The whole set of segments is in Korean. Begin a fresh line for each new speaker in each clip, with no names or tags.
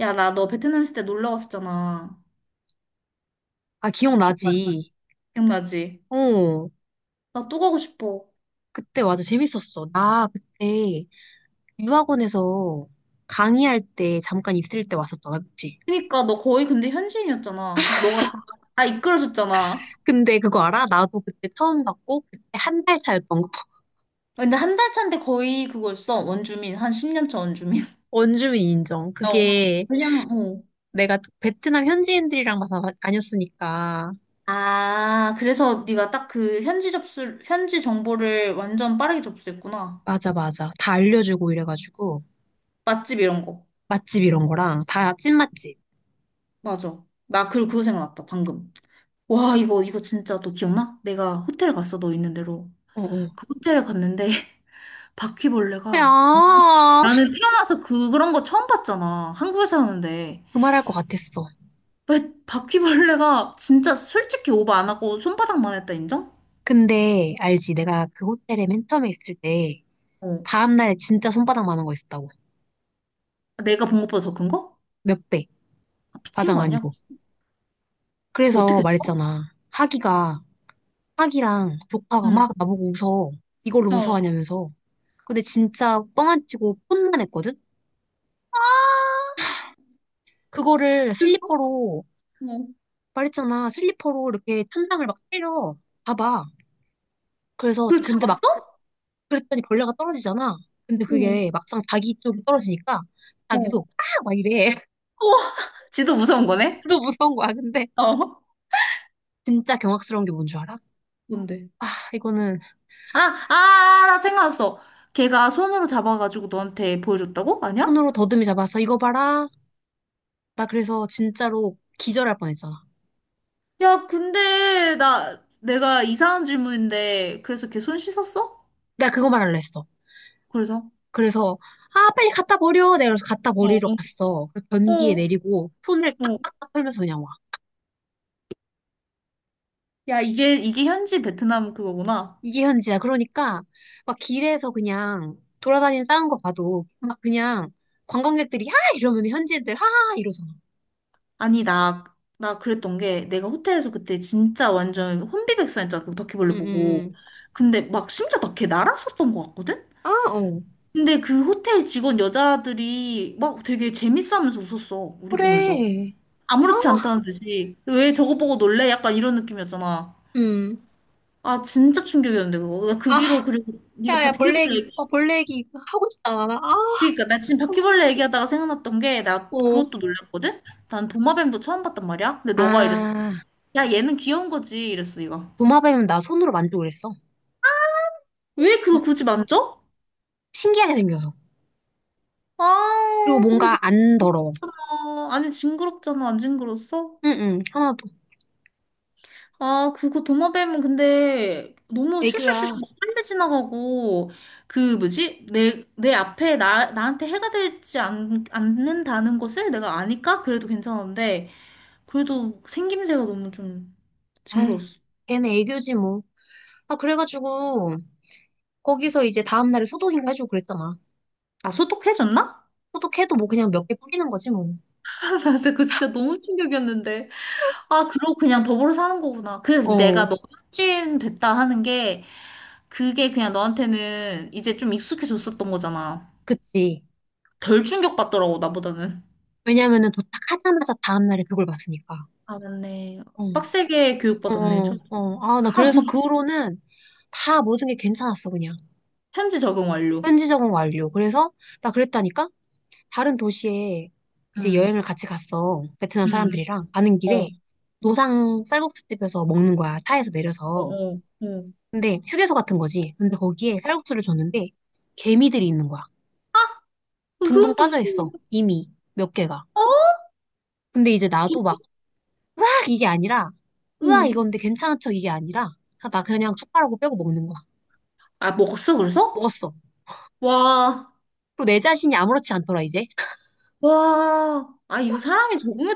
야, 나 너 베트남 있을 때 놀러 갔었잖아.
아,
기억나지?
기억나지.
기억나지?
어,
나 또 가고 싶어.
그때 맞아. 재밌었어. 나 그때 유학원에서 강의할 때 잠깐 있을 때 왔었잖아. 그치?
그러니까 너 거의 근데 현지인이었잖아. 그래서 다 이끌어줬잖아.
근데 그거 알아? 나도 그때 처음 봤고, 그때 한 달 차였던 거.
근데 한 달 차인데 거의 그거였어. 원주민. 한 10년 차 원주민.
원주민 인정.
어.
그게
그냥, 어.
내가 베트남 현지인들이랑 막 다녔으니까.
아, 그래서 네가 딱 그 현지 접수, 현지 정보를 완전 빠르게 접수했구나.
맞아, 맞아. 다 알려주고 이래가지고.
맛집 이런 거.
맛집 이런 거랑 다 찐맛집.
맞아. 나 그리고 그거 생각났다, 방금. 와, 이거 진짜 너 기억나? 내가 호텔 갔어, 너 있는 대로.
어, 어.
그 호텔에 갔는데 바퀴벌레가 겁나-
야,
나는 태어나서 그런 거 처음 봤잖아. 한국에서 하는데.
그 말할 것 같았어.
왜 바퀴벌레가 진짜 솔직히 오버 안 하고 손바닥만 했다 인정?
근데 알지? 내가 그 호텔에 맨 처음에 있을 때
어.
다음날에 진짜 손바닥 만한 거 있었다고.
내가 본 것보다 더 큰 거?
몇 배.
아, 미친
과장
거 아니야?
아니고. 그래서
어떻게 했어?
말했잖아. 하기가, 하기랑 조카가
응.
막 나보고 웃어. 이걸로
어.
무서워하냐면서. 근데 진짜 뻥 안 치고 폰만 했거든?
아,
그거를
그래서?
슬리퍼로,
어.
말했잖아. 슬리퍼로 이렇게 천장을 막 때려. 봐봐. 그래서,
그걸
근데 막,
잡았어?
그랬더니 벌레가 떨어지잖아. 근데
어.
그게 막상 자기 쪽이 떨어지니까
어.
자기도 아! 막 이래.
우와, 지도 무서운 거네?
진짜 무서운 거야. 근데
어.
진짜 경악스러운 게 뭔 줄 알아?
뭔데?
아, 이거는
아, 아, 아, 나 생각났어. 걔가 손으로 잡아가지고 너한테 보여줬다고? 아니야?
손으로 더듬이 잡아서 이거 봐라. 나 그래서 진짜로 기절할 뻔했잖아.
야, 근데 나 내가 이상한 질문인데 그래서 걔 손 씻었어?
나 그거 말하려 했어.
그래서
그래서 아 빨리 갖다 버려. 내가 그래서 갖다 버리러
어,
갔어. 그 변기에
어,
내리고 손을
어.
딱딱딱 털면서 그냥 와.
야, 이게 현지 베트남 그거구나.
이게 현지야. 그러니까 막 길에서 그냥 돌아다니는 싸운 거 봐도 막 그냥 관광객들이 하 이러면 현지인들 하하 이러잖아.
아니, 나 그랬던 게 내가 호텔에서 그때 진짜 완전 혼비백산했잖아. 그 바퀴벌레 보고.
응응응.
근데 막 심지어 나 걔 날았었던 것 같거든?
아 어.
근데 그 호텔 직원 여자들이 막 되게 재밌어 하면서 웃었어. 우리 보면서.
그래. 아
아무렇지 않다는 듯이. 왜 저거 보고 놀래? 약간 이런 느낌이었잖아.
음.
아 진짜 충격이었는데 그거 나 그
아
뒤로 그리고 네가
야야 벌레
바퀴벌레
얘기
얘기-
어, 벌레 얘기 하고 싶다. 아
그러니까 나 지금 바퀴벌레 얘기하다가 생각났던 게 나
어.
그것도 놀랐거든. 난 도마뱀도 처음 봤단 말이야. 근데 너가 이랬어.
아,
야 얘는 귀여운 거지 이랬어 얘가.
도마뱀은 나 손으로 만지고 그랬어. 어,
왜 그거 굳이 만져?
신기하게 생겨서. 그리고
아 근데
뭔가 안 더러워.
너 아니 징그럽잖아, 안 징그러웠어?
응응, 하나도.
아 그거 도마뱀은 근데 너무
애교야.
슈슈슈슈 막 빨리 지나가고 그 뭐지 내 앞에 나 나한테 해가 않는다는 것을 내가 아니까 그래도 괜찮은데 그래도 생김새가 너무 좀
아휴,
징그러웠어.
걔는 애교지 뭐. 아, 그래가지고, 거기서 이제 다음날에 소독인가 해주고 그랬잖아.
아, 소독해졌나.
소독해도 뭐 그냥 몇 개 뿌리는 거지 뭐.
근데 그거 진짜 너무 충격이었는데. 아, 그러고 그냥 더불어 사는 거구나. 그래서
어,
내가 너무 찐됐다 하는 게, 그게 그냥 너한테는 이제 좀 익숙해졌었던 거잖아.
그치.
덜 충격받더라고, 나보다는.
왜냐면은 도착하자마자 다음날에 그걸 봤으니까.
아, 맞네.
어,
빡세게
어,
교육받았네. 저,
어. 아, 나 그래서 그 후로는 다 모든 게 괜찮았어, 그냥.
현지 적응 완료.
현지 적응 완료. 그래서 나 그랬다니까? 다른 도시에 이제
응,
여행을 같이 갔어. 베트남
응,
사람들이랑 가는
어, 어,
길에 노상 쌀국수집에서 먹는 거야. 차에서
어,
내려서.
어. 어,
근데 휴게소 같은 거지. 근데 거기에 쌀국수를 줬는데 개미들이 있는 거야. 둥둥
그건 또 무슨
빠져 있어.
일이야?
이미 몇 개가.
어?
근데 이제 나도 막 으악 이게 아니라
어.
으아 이건데 괜찮은 척 이게 아니라 아, 나 그냥 숟가락으로 빼고 먹는 거야.
아, 먹었어, 그래서?
먹었어.
와.
그리고 내 자신이 아무렇지 않더라 이제.
와, 아, 이거 사람이 적응의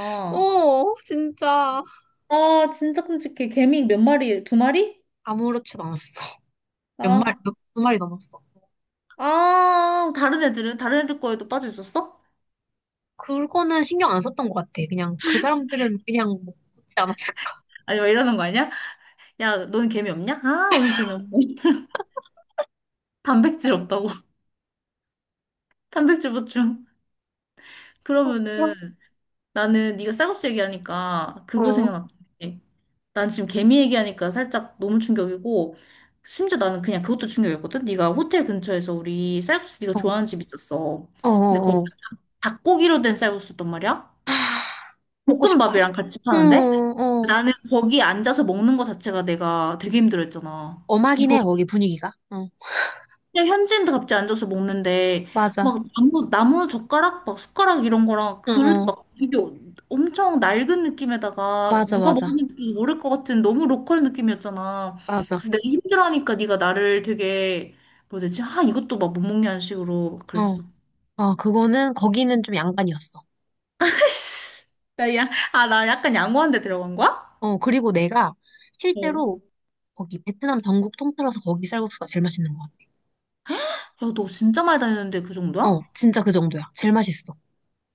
어, 진짜.
아, 진짜 끔찍해. 개미 몇 마리? 두 마리?
아무렇지도 않았어. 몇 마리,
아,
몇, 두 마리 넘었어.
다른 애들은? 다른 애들 거에도 빠져 있었어?
그거는 신경 안 썼던 것 같아. 그냥 그 사람들은 그냥 먹지 않았을까.
아니, 막 이러는 거 아니야? 야, 너는 개미 없냐? 아, 오늘 개미 없네. 단백질 없다고. 단백질 보충. 그러면은
그럼?
나는 네가 쌀국수 얘기하니까 그거
어,
생각났던 게. 난 지금 개미 얘기하니까 살짝 너무 충격이고 심지어 나는 그냥 그것도 충격이었거든. 네가 호텔 근처에서 우리 쌀국수 네가
어,
좋아하는 집 있었어.
어,
근데
어.
닭고기로 된 쌀국수였단 말이야?
하, 먹고 싶다.
볶음밥이랑 같이
어,
파는데?
어.
나는 거기 앉아서 먹는 거 자체가 내가 되게 힘들었잖아.
엄하긴
이거
해, 거기 분위기가. 어,
그냥 현지인들 갑자기 앉아서 먹는데
맞아.
막 나무 젓가락 막 숟가락 이런 거랑
어,
그릇
어.
막 이게 엄청 낡은 느낌에다가
맞아,
누가
맞아.
먹는지 모를 것 같은 너무 로컬 느낌이었잖아.
맞아.
그래서 내가 힘들어하니까 네가 나를 되게 뭐 되지? 아 이것도 막 못 먹냐는 식으로
어.
그랬어.
아, 그거는, 거기는 좀 양반이었어.
나 약간 양호한 데 들어간 거야?
어, 그리고 내가
어.
실제로 거기 베트남 전국 통틀어서 거기 쌀국수가 제일 맛있는 것 같아.
야, 너 진짜 많이 다녔는데 그
어,
정도야?
진짜 그 정도야. 제일 맛있어.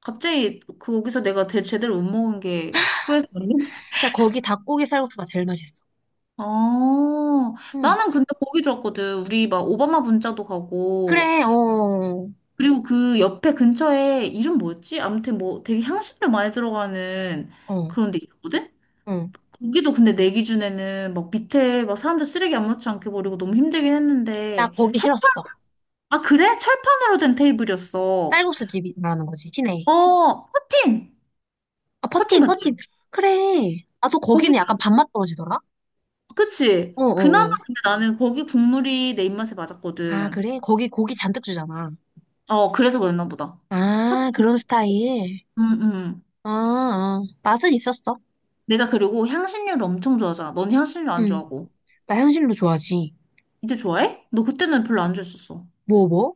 갑자기 그- 거기서 내가 대, 제대로 못 먹은 게 후회스럽네?
진짜 거기 닭고기 쌀국수가 제일 맛있어.
아,
응.
나는 근데 거기 좋았거든. 우리 막 오바마 분짜도 가고,
그래, 어,
그리고 그 옆에 근처에 이름 뭐였지? 아무튼 뭐 되게 향신료 많이 들어가는
어.
그런 데 있었거든?
응.
거기도 근데 내 기준에는 막 밑에 막 사람들 쓰레기 아무렇지 않게 버리고 너무 힘들긴
나
했는데,
거기
철,
싫었어.
아, 그래? 철판으로 된 테이블이었어.
쌀국수 집이 말하는 거지, 시내.
어, 퍼틴!
아,
퍼틴
퍼틴, 퍼틴.
맞지?
그래. 아, 또 거기는
거기
약간
그
밥맛 떨어지더라?
그치?
어어.
그나마
어. 어.
근데 나는 거기 국물이 내 입맛에
아,
맞았거든.
그래? 거기 고기 잔뜩 주잖아.
어, 그래서 그랬나 보다. 퍼,
아, 그런 스타일.
음, 음.
아, 아. 맛은 있었어.
내가 그리고 향신료를 엄청 좋아하잖아. 넌 향신료 안
응.
좋아하고.
나 향신료 좋아하지.
이제 좋아해? 너 그때는 별로 안 좋아했었어.
뭐, 뭐?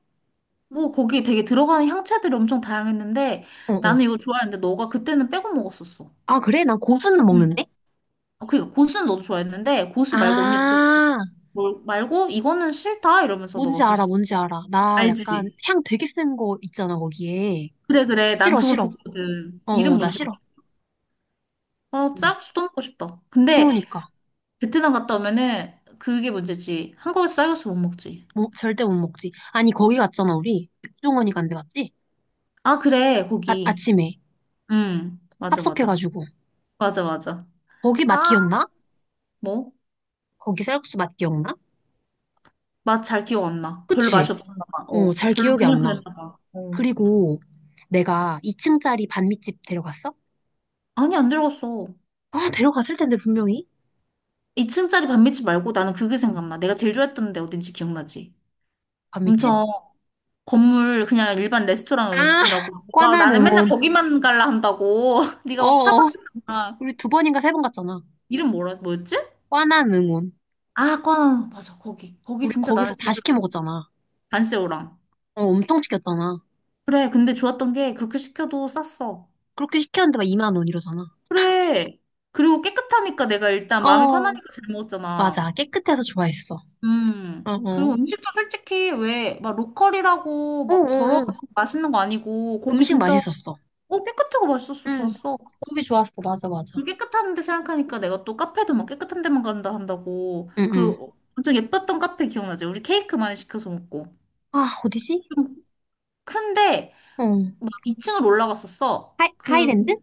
뭐, 거기 되게 들어가는 향채들이 엄청 다양했는데, 나는
어어.
이거 좋아했는데, 너가 그때는 빼고 먹었었어.
아, 그래? 난 고수는
응.
먹는데?
어, 그니까, 고수는 너도 좋아했는데, 고수 말고, 언니, 너,
아,
뭘 말고, 이거는 싫다? 이러면서
뭔지
너가
알아,
그랬어.
뭔지 알아. 나 약간
알지?
향 되게 센 거 있잖아, 거기에.
그래. 난
싫어,
그거
싫어.
좋거든. 이름
어어, 나
뭔지.
싫어. 어.
아, 쌀국수도 먹고 싶다. 근데
그러니까.
베트남 갔다 오면은 그게 문제지. 한국에서 쌀국수 못 먹지.
뭐, 절대 못 먹지. 아니, 거기 갔잖아, 우리. 백종원이 간데 갔지?
아, 그래,
아,
거기.
아침에
응, 맞아, 맞아.
합석해가지고.
맞아, 맞아.
거기 맛
아,
기억나?
뭐?
거기 쌀국수 맛 기억나?
맛 잘 기억 안 나. 별로
그치?
맛이 없었나 봐.
어,
어,
잘
별로
기억이
그냥
안 나.
그랬나 봐. 어.
그리고 내가 2층짜리 반미집 데려갔어?
아니, 안 들어갔어.
아, 데려갔을 텐데, 분명히.
2층짜리 반미집 말고 나는 그게
응,
생각나. 내가 제일 좋아했던 데 어딘지 기억나지?
반미집?
엄청 건물 그냥 일반
아,
레스토랑이라고. 와,
꽈난
나는 맨날
응원.
거기만 갈라 한다고. 네가 막
어어.
타박했잖아.
우리 두 번인가 세 번 갔잖아.
뭐였지?
꽈난 응원.
아, 꽈나 맞아. 거기. 거기
우리
진짜
거기서
나는
다
제일
시켜
좋았어.
먹었잖아.
단새우랑.
어, 엄청 시켰잖아.
그래. 근데 좋았던 게 그렇게 시켜도 쌌어.
그렇게 시켰는데 막 2만 원 이러잖아.
그래. 그리고 깨끗하니까 내가 일단 마음이
어,
편하니까 잘
맞아.
먹었잖아.
깨끗해서 좋아했어.
음. 그리고
어어.
음식도 솔직히 왜 막 로컬이라고 막 더러운
응응응.
맛있는 거 아니고 거기
음식
진짜
맛있었어.
어 깨끗하고 맛있었어.
응.
좋았어.
거기 좋았어. 맞아, 맞아.
그 깨끗한데 생각하니까 내가 또 카페도 막 깨끗한 데만 간다 한다고
응응.
그 엄청 예뻤던 카페 기억나지? 우리 케이크 많이 시켜서 먹고
아, 어디지?
좀 큰데
어.
막 2층을 올라갔었어.
하이,
그,
하이랜드?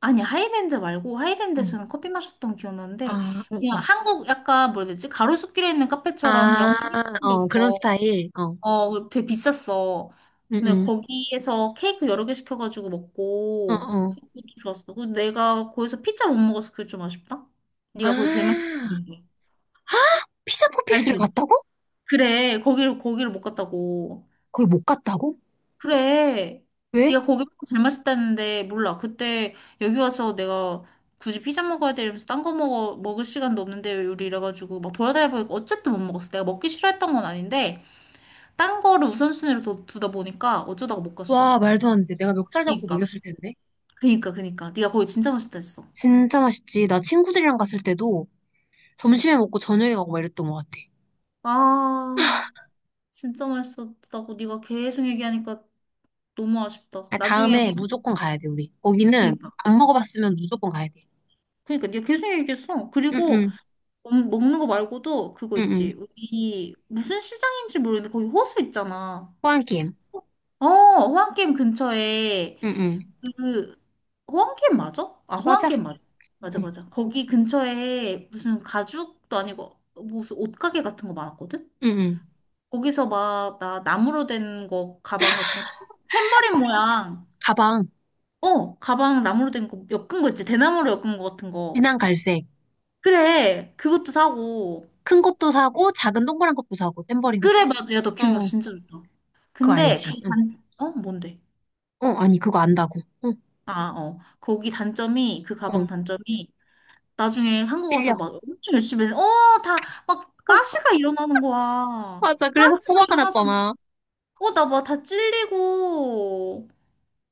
아니, 하이랜드 말고, 하이랜드에서는
어.
커피 마셨던 기억이 나는데,
아,
그냥
응응.
한국 약간 뭐라 해야 되지? 가로수길에 있는 카페처럼 그냥
아,
엄청
어, 그런
했어.
스타일. 어.
어, 되게 비쌌어. 근데
응응.
거기에서 케이크 여러 개 시켜가지고
어,
먹고,
어.
그것도 좋았어. 그 내가 거기서 피자 못 먹어서 그게 좀 아쉽다?
아,
네가 거기 제일 맛있다고
아,
그러는데.
피자 포피스를
알지?
갔다고?
그래, 거기를 못 갔다고.
거기 못 갔다고?
그래.
왜?
네가 고기 먹잘 맛있다는데 몰라. 그때 여기 와서 내가 굳이 피자 먹어야 돼 이러면서 딴 거 먹어 먹을 시간도 없는데 우리 이래가지고 막 돌아다녀 보니까 어쨌든 못 먹었어. 내가 먹기 싫어했던 건 아닌데 딴 거를 우선순위로 두다 보니까 어쩌다가 못 갔어.
와, 말도 안 돼. 내가 멱살 잡고
그니까
먹였을 텐데.
그니까 네가 거기 진짜 맛있다 했어.
진짜 맛있지. 나 친구들이랑 갔을 때도 점심에 먹고 저녁에 가고 막 이랬던 것 같아.
아 진짜 맛있었다고 네가 계속 얘기하니까 너무 아쉽다.
아,
나중에
다음에 무조건 가야 돼, 우리. 거기는
그니까
안 먹어봤으면 무조건 가야 돼.
그니까 네가 계속 얘기했어. 그리고
응응.
먹는 거 말고도 그거
응응.
있지. 우리 무슨 시장인지 모르겠는데 거기 호수 있잖아.
호환김.
어, 호환게임 근처에
응응.
그 호환게임 맞아? 아, 호환
맞아.
게임 맞아. 맞아,
응.
맞아. 거기 근처에 무슨 가죽도 아니고 무슨 옷가게 같은 거 많았거든?
응응.
거기서 막 나 나무로 된 거 가방 같은 거 탬버린 모양.
가방.
어 가방 나무로 된 거 엮은 거 있지 대나무로 엮은 거 같은 거
진한 갈색.
그래 그것도 사고.
큰 것도 사고 작은 동그란 것도 사고 탬버린 같은.
그래, 맞아 야 너 기억력
어.
진짜 좋다.
그거
근데 그
알지? 응.
단, 어? 뭔데?
어 아니 그거 안다고. 응.
아, 어. 그
응.
가방 단점이, 나중에 한국 와서
찔려.
막 엄청 열심히, 했는데 어, 다, 막, 가시가 일어나는 거야.
맞아. 그래서
가시가
소화가
일어나서,
났잖아.
어, 나 막 다 찔리고,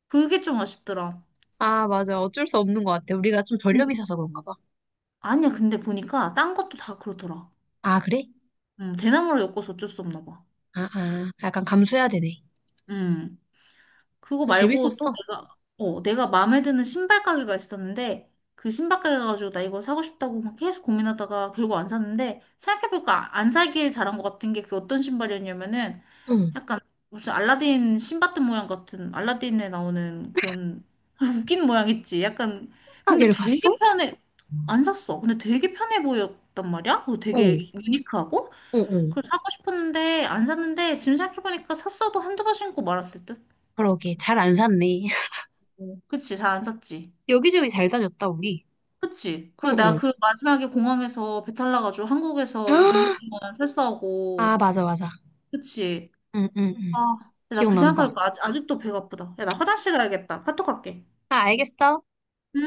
그게 좀 아쉽더라.
아 맞아. 어쩔 수 없는 것 같아. 우리가 좀 저렴이
음.
사서 그런가 봐.
아니야, 근데 보니까, 딴 것도 다 그렇더라.
아 그래?
대나무를 엮어서 어쩔 수 없나 봐.
아 아. 약간 감수해야 되네.
음. 그거
그래도
말고 또
재밌었어.
내가, 어, 내가 마음에 드는 신발 가게가 있었는데, 그 신발 가게 가가지고 나 이거 사고 싶다고 막 계속 고민하다가 결국 안 샀는데, 생각해보니까 안 사길 잘한 것 같은 게 그 어떤 신발이었냐면은,
응.
약간 무슨 알라딘 신밧드 모양 같은, 알라딘에 나오는 그런, 웃긴 모양 있지. 약간, 근데
가게를
되게
갔어? 어.
편해. 안 샀어. 근데 되게 편해 보였단 말이야? 그리고
어
되게 유니크하고?
어.
그걸 사고 싶었는데, 안 샀는데, 지금 생각해보니까 샀어도 한두 번 신고 말았을 듯?
그러게 잘 안 샀네.
어, 그치, 잘 안 썼지.
여기저기 잘 다녔다 우리.
그치.
응
그리고 내가
응.
그 마지막에 공항에서 배탈 나가지고 한국에서 2주
아
동안
아,
설사하고.
맞아, 맞아.
그치.
응, 응,
아,
응.
나 그
기억난다.
생각하니까 아직도 배가 아프다. 야, 나 화장실 가야겠다. 카톡 할게.
아, 알겠어.
응?